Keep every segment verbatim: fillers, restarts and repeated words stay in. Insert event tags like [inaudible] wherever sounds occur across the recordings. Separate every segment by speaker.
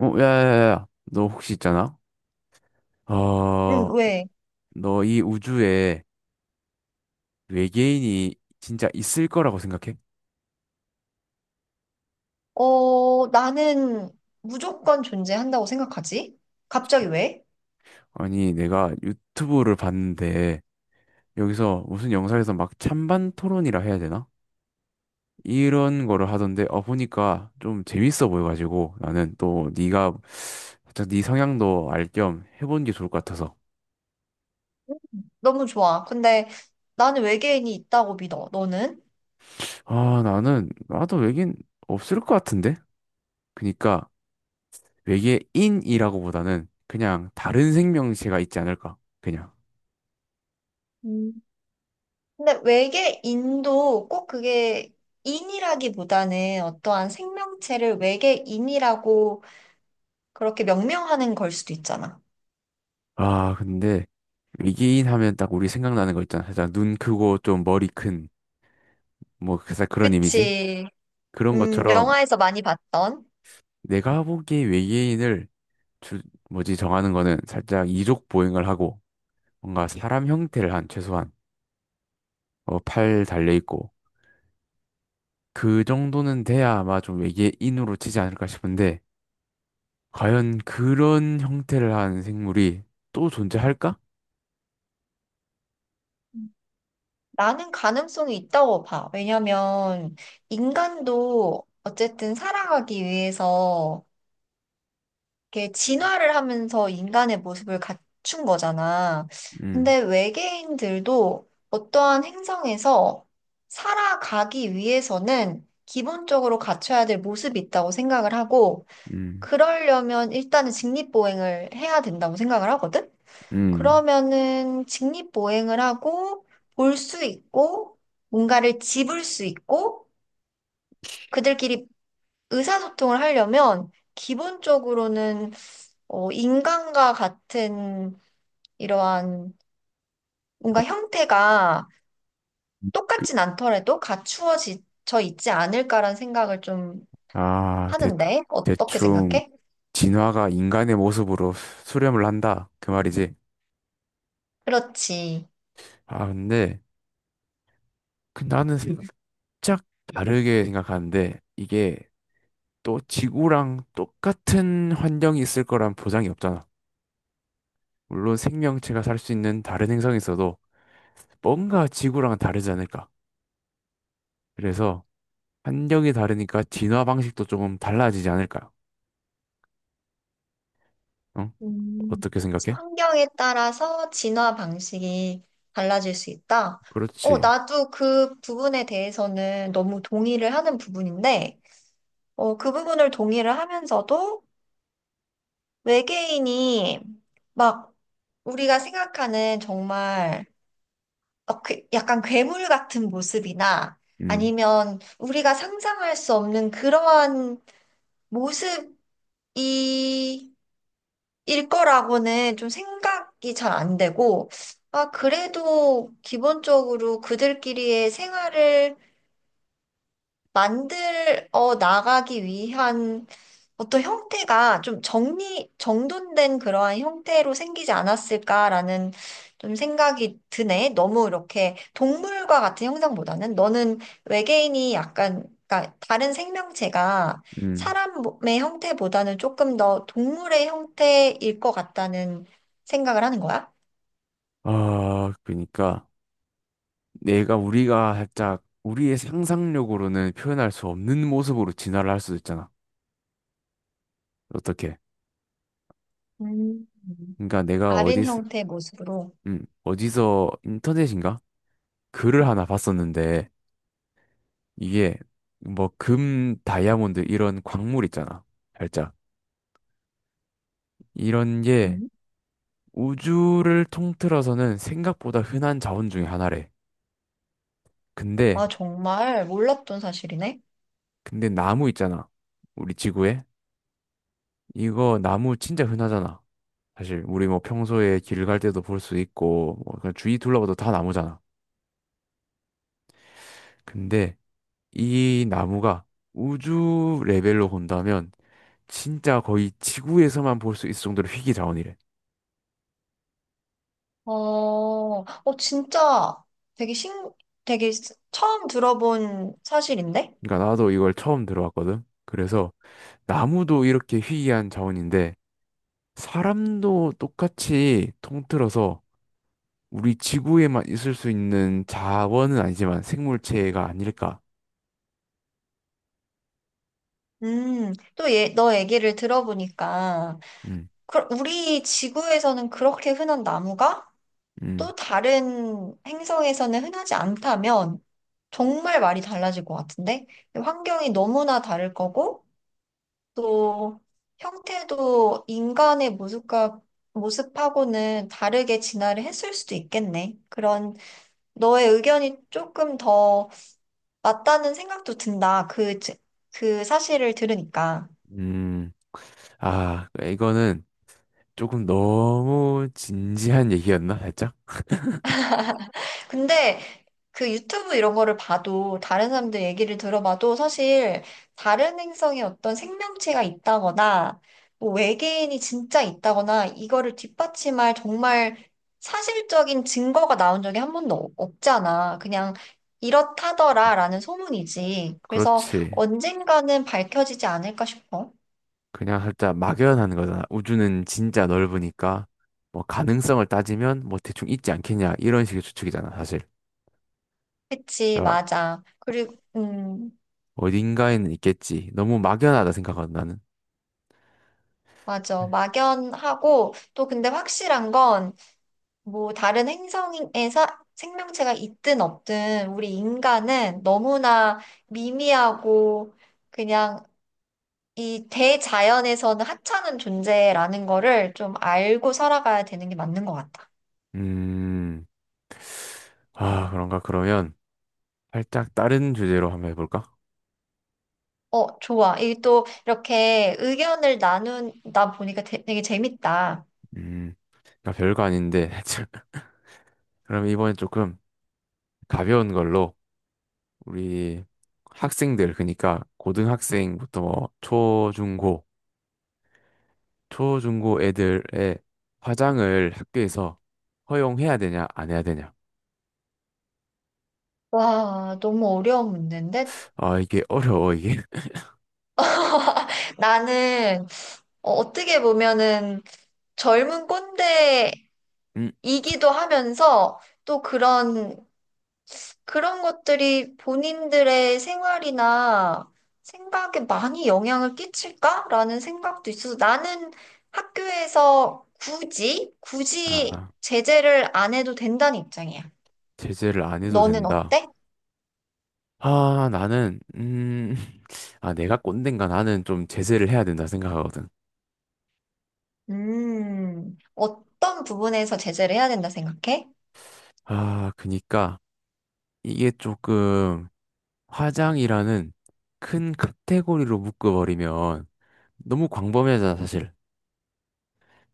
Speaker 1: 어, 야야야, 너 혹시 있잖아?
Speaker 2: 응,
Speaker 1: 어,
Speaker 2: 왜?
Speaker 1: 너 이 우주에 외계인이 진짜 있을 거라고 생각해?
Speaker 2: 어, 나는 무조건 존재한다고 생각하지? 갑자기 왜?
Speaker 1: 아니, 내가 유튜브를 봤는데 여기서 무슨 영상에서 막 찬반 토론이라 해야 되나? 이런 거를 하던데 어 보니까 좀 재밌어 보여가지고 나는 또 네가 살짝 네 성향도 알 겸 해보는 게 좋을 것 같아서.
Speaker 2: 너무 좋아. 근데 나는 외계인이 있다고 믿어. 너는?
Speaker 1: 아 나는 나도 외계인 없을 것 같은데. 그니까 외계인이라고보다는 그냥 다른 생명체가 있지 않을까? 그냥.
Speaker 2: 음. 근데 외계인도 꼭 그게 인이라기보다는 어떠한 생명체를 외계인이라고 그렇게 명명하는 걸 수도 있잖아.
Speaker 1: 아, 근데 외계인 하면 딱 우리 생각나는 거 있잖아. 살짝 눈 크고 좀 머리 큰, 뭐, 살짝 그런 이미지?
Speaker 2: 그치.
Speaker 1: 그런
Speaker 2: 음,
Speaker 1: 것처럼
Speaker 2: 영화에서 많이 봤던.
Speaker 1: 내가 보기에 외계인을 주, 뭐지, 정하는 거는 살짝 이족 보행을 하고 뭔가 사람 형태를 한 최소한 어, 팔 달려있고 그 정도는 돼야 아마 좀 외계인으로 치지 않을까 싶은데 과연 그런 형태를 한 생물이 또 존재할까?
Speaker 2: 나는 가능성이 있다고 봐. 왜냐면 인간도 어쨌든 살아가기 위해서 이렇게 진화를 하면서 인간의 모습을 갖춘 거잖아.
Speaker 1: 음.
Speaker 2: 근데 외계인들도 어떠한 행성에서 살아가기 위해서는 기본적으로 갖춰야 될 모습이 있다고 생각을 하고,
Speaker 1: 음,
Speaker 2: 그러려면 일단은 직립보행을 해야 된다고 생각을 하거든?
Speaker 1: 음,
Speaker 2: 그러면은 직립보행을 하고, 볼 수 있고, 뭔가를 집을 수 있고, 그들끼리 의사소통을 하려면 기본적으로는 어, 인간과 같은 이러한 뭔가 형태가
Speaker 1: 그,
Speaker 2: 똑같진 않더라도 갖추어져 있지 않을까라는 생각을 좀
Speaker 1: 아, 대,
Speaker 2: 하는데, 어떻게
Speaker 1: 대충
Speaker 2: 생각해?
Speaker 1: 진화가 인간의 모습으로 수렴을 한다. 그 말이지.
Speaker 2: 그렇지.
Speaker 1: 아, 근데 그 나는 살짝 다르게 생각하는데 이게 또 지구랑 똑같은 환경이 있을 거란 보장이 없잖아. 물론 생명체가 살 수 있는 다른 행성에 있어도 뭔가 지구랑은 다르지 않을까. 그래서 환경이 다르니까 진화 방식도 조금 달라지지 않을까. 어?
Speaker 2: 음,
Speaker 1: 어떻게 생각해?
Speaker 2: 환경에 따라서 진화 방식이 달라질 수 있다. 어,
Speaker 1: 그렇지.
Speaker 2: 나도 그 부분에 대해서는 너무 동의를 하는 부분인데, 어, 그 부분을 동의를 하면서도 외계인이 막 우리가 생각하는 정말 어, 그- 약간 괴물 같은 모습이나
Speaker 1: 음,
Speaker 2: 아니면 우리가 상상할 수 없는 그러한 모습이 일 거라고는 좀 생각이 잘 안 되고, 아, 그래도 기본적으로 그들끼리의 생활을 만들어 나가기 위한 어떤 형태가 좀 정리, 정돈된 그러한 형태로 생기지 않았을까라는 좀 생각이 드네. 너무 이렇게 동물과 같은 형상보다는 너는 외계인이 약간, 그러니까 다른 생명체가
Speaker 1: 음.
Speaker 2: 사람의 형태보다는 조금 더 동물의 형태일 것 같다는 생각을 하는 거야?
Speaker 1: 아, 그러니까 내가 우리가 살짝 우리의 상상력으로는 표현할 수 없는 모습으로 진화를 할 수도 있잖아. 어떻게?
Speaker 2: 음.
Speaker 1: 그러니까 내가 어디,
Speaker 2: 다른 형태의 모습으로.
Speaker 1: 음, 어디서 인터넷인가? 글을 하나 봤었는데 이게 뭐 금, 다이아몬드 이런 광물 있잖아. 살짝 이런 게
Speaker 2: 음.
Speaker 1: 우주를 통틀어서는 생각보다 흔한 자원 중에 하나래. 근데
Speaker 2: 아, 정말 몰랐던 사실이네.
Speaker 1: 근데 나무 있잖아. 우리 지구에 이거 나무 진짜 흔하잖아. 사실 우리 뭐 평소에 길 갈 때도 볼 수 있고 뭐 그냥 주위 둘러봐도 다 나무잖아. 근데 이 나무가 우주 레벨로 본다면 진짜 거의 지구에서만 볼 수 있을 정도로 희귀 자원이래.
Speaker 2: 어, 어, 진짜 되게 신, 되게 스- 처음 들어본 사실인데?
Speaker 1: 그러니까 나도 이걸 처음 들어봤거든. 그래서 나무도 이렇게 희귀한 자원인데 사람도 똑같이 통틀어서 우리 지구에만 있을 수 있는 자원은 아니지만 생물체가 아닐까.
Speaker 2: 음, 또 얘, 너 얘기를 들어보니까,
Speaker 1: 음,
Speaker 2: 그, 우리 지구에서는 그렇게 흔한 나무가
Speaker 1: 음,
Speaker 2: 또 다른 행성에서는 흔하지 않다면 정말 말이 달라질 것 같은데? 환경이 너무나 다를 거고, 또 형태도 인간의 모습과 모습하고는 다르게 진화를 했을 수도 있겠네. 그런 너의 의견이 조금 더 맞다는 생각도 든다. 그, 제- 그 사실을 들으니까.
Speaker 1: 음. 아, 이거는 조금 너무 진지한 얘기였나, 살짝?
Speaker 2: 근데 그 유튜브 이런 거를 봐도 다른 사람들 얘기를 들어봐도 사실 다른 행성에 어떤 생명체가 있다거나 뭐 외계인이 진짜 있다거나 이거를 뒷받침할 정말 사실적인 증거가 나온 적이 한 번도 없- 없잖아. 그냥 이렇다더라라는 소문이지. 그래서
Speaker 1: 그렇지.
Speaker 2: 언젠가는 밝혀지지 않을까 싶어.
Speaker 1: 그냥 살짝 막연한 거잖아. 우주는 진짜 넓으니까, 뭐, 가능성을 따지면, 뭐, 대충 있지 않겠냐, 이런 식의 추측이잖아, 사실.
Speaker 2: 그치,
Speaker 1: 그러니까
Speaker 2: 맞아. 그리고, 음,
Speaker 1: 어딘가에는 있겠지. 너무 막연하다 생각하거든, 나는.
Speaker 2: 맞아. 막연하고, 또 근데 확실한 건, 뭐, 다른 행성에서 생명체가 있든 없든, 우리 인간은 너무나 미미하고, 그냥 이 대자연에서는 하찮은 존재라는 거를 좀 알고 살아가야 되는 게 맞는 것 같아.
Speaker 1: 음, 아, 그런가? 그러면, 살짝 다른 주제로 한번 해볼까?
Speaker 2: 어, 좋아. 이 또 이렇게 의견을 나누다 보니까 되- 되게 재밌다.
Speaker 1: 음, 그러니까 별거 아닌데, [laughs] 그럼 이번엔 조금 가벼운 걸로, 우리 학생들 그러니까 고등학생부터 초중고 초중고 애들의 화장을 학교에서 허용해야 되냐 안 해야 되냐.
Speaker 2: 와, 너무 어려운 문제인데?
Speaker 1: 아 이게 어려워 이게.
Speaker 2: [laughs] 나는 어, 어떻게 보면은 젊은 꼰대이기도
Speaker 1: [laughs] 음,
Speaker 2: 하면서 또 그런, 그런 것들이 본인들의 생활이나 생각에 많이 영향을 끼칠까라는 생각도 있어서 나는 학교에서 굳이, 굳이
Speaker 1: 아
Speaker 2: 제재를 안 해도 된다는 입장이야.
Speaker 1: 제재를 안 해도
Speaker 2: 너는
Speaker 1: 된다.
Speaker 2: 어때?
Speaker 1: 아 나는 음 [laughs] 아, 내가 꼰대인가? 나는 좀 제재를 해야 된다 생각하거든.
Speaker 2: 음, 어떤 부분에서 제재를 해야 된다 생각해?
Speaker 1: 아 그니까 이게 조금 화장이라는 큰 카테고리로 묶어버리면 너무 광범위하잖아 사실.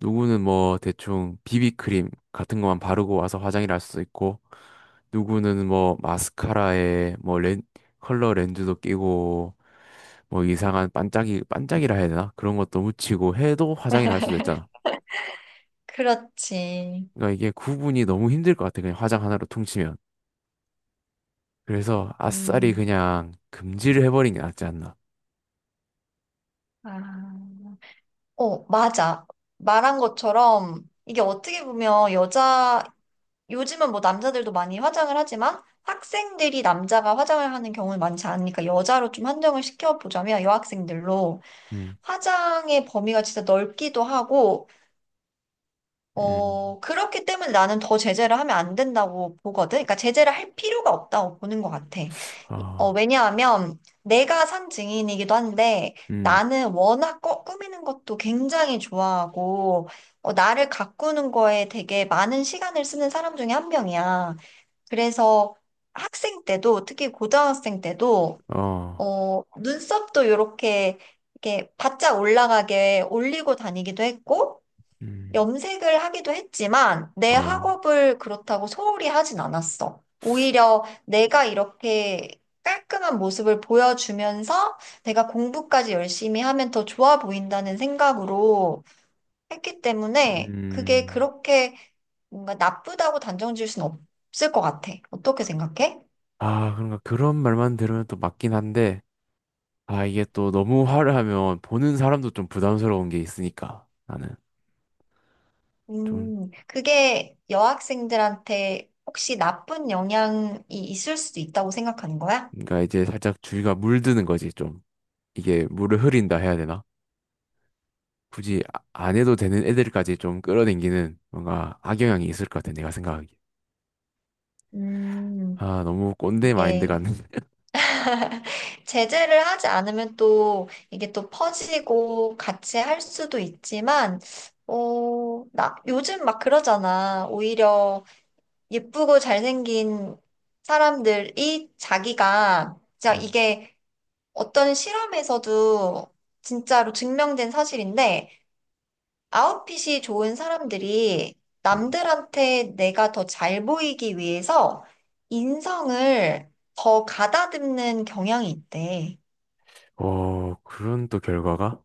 Speaker 1: 누구는 뭐 대충 비비크림 같은 것만 바르고 와서 화장을 할 수도 있고, 누구는 뭐 마스카라에 뭐 렌, 컬러 렌즈도 끼고, 뭐 이상한 반짝이, 반짝이라 해야 되나? 그런 것도 묻히고 해도 화장을 할 수도 있잖아.
Speaker 2: 그렇지.
Speaker 1: 그러니까 이게 구분이 너무 힘들 것 같아. 그냥 화장 하나로 퉁치면. 그래서 아싸리
Speaker 2: 음,
Speaker 1: 그냥 금지를 해버린 게 낫지 않나.
Speaker 2: 아. 어, 맞아. 말한 것처럼 이게 어떻게 보면 여자, 요즘은 뭐 남자들도 많이 화장을 하지만 학생들이 남자가 화장을 하는 경우는 많지 않으니까 여자로 좀 한정을 시켜보자면 여학생들로
Speaker 1: 음,
Speaker 2: 화장의 범위가 진짜 넓기도 하고
Speaker 1: 음,
Speaker 2: 어, 그렇기 때문에 나는 더 제재를 하면 안 된다고 보거든. 그러니까 제재를 할 필요가 없다고 보는 것 같아. 어,
Speaker 1: 어,
Speaker 2: 왜냐하면 내가 산 증인이기도 한데
Speaker 1: 음,
Speaker 2: 나는 워낙 꿔- 꾸미는 것도 굉장히 좋아하고 어, 나를 가꾸는 거에 되게 많은 시간을 쓰는 사람 중에 한 명이야. 그래서 학생 때도 특히 고등학생 때도
Speaker 1: 어,
Speaker 2: 어, 눈썹도 이렇게 이렇게 바짝 올라가게 올리고 다니기도 했고
Speaker 1: 음,
Speaker 2: 염색을 하기도 했지만 내
Speaker 1: 어,
Speaker 2: 학업을 그렇다고 소홀히 하진 않았어. 오히려 내가 이렇게 깔끔한 모습을 보여주면서 내가 공부까지 열심히 하면 더 좋아 보인다는 생각으로 했기 때문에 그게
Speaker 1: 음.
Speaker 2: 그렇게 뭔가 나쁘다고 단정 지을 순 없을 것 같아. 어떻게 생각해?
Speaker 1: 아, 그런가. 그런 말만 들으면 또 맞긴 한데, 아, 이게 또 너무 화를 하면 보는 사람도 좀 부담스러운 게 있으니까, 나는. 좀,
Speaker 2: 음, 그게 여학생들한테 혹시 나쁜 영향이 있을 수도 있다고 생각하는 거야?
Speaker 1: 그러니까 이제 살짝 주위가 물드는 거지, 좀. 이게 물을 흐린다 해야 되나? 굳이 아- 안 해도 되는 애들까지 좀 끌어당기는 뭔가 악영향이 있을 것 같아, 내가 생각하기에.
Speaker 2: 음,
Speaker 1: 아, 너무 꼰대 마인드
Speaker 2: 이게
Speaker 1: 같은. [laughs]
Speaker 2: 제재를 하지 않으면 또 이게 또 퍼지고 같이 할 수도 있지만, 어, 나, 요즘 막 그러잖아. 오히려 예쁘고 잘생긴 사람들이 자기가, 진짜
Speaker 1: 음,
Speaker 2: 이게 어떤 실험에서도 진짜로 증명된 사실인데, 아웃핏이 좋은 사람들이
Speaker 1: 음.
Speaker 2: 남들한테 내가 더 잘 보이기 위해서 인성을 더 가다듬는 경향이 있대.
Speaker 1: 어, 그런 또 결과가?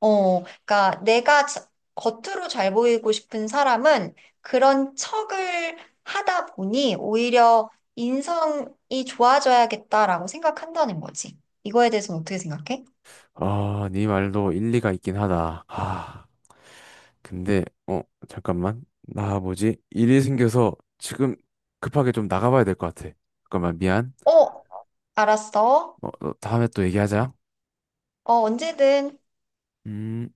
Speaker 2: 어, 그러니까 내가 자- 겉으로 잘 보이고 싶은 사람은 그런 척을 하다 보니 오히려 인성이 좋아져야겠다라고 생각한다는 거지. 이거에 대해서는 어떻게 생각해?
Speaker 1: 아, 네 말도 일리가 있긴 하다. 아, 근데, 어, 잠깐만. 나 뭐지? 일이 생겨서 지금 급하게 좀 나가봐야 될 것 같아. 잠깐만, 미안.
Speaker 2: 어, 알았어.
Speaker 1: 어, 어, 다음에 또 얘기하자.
Speaker 2: 어, 언제든
Speaker 1: 음.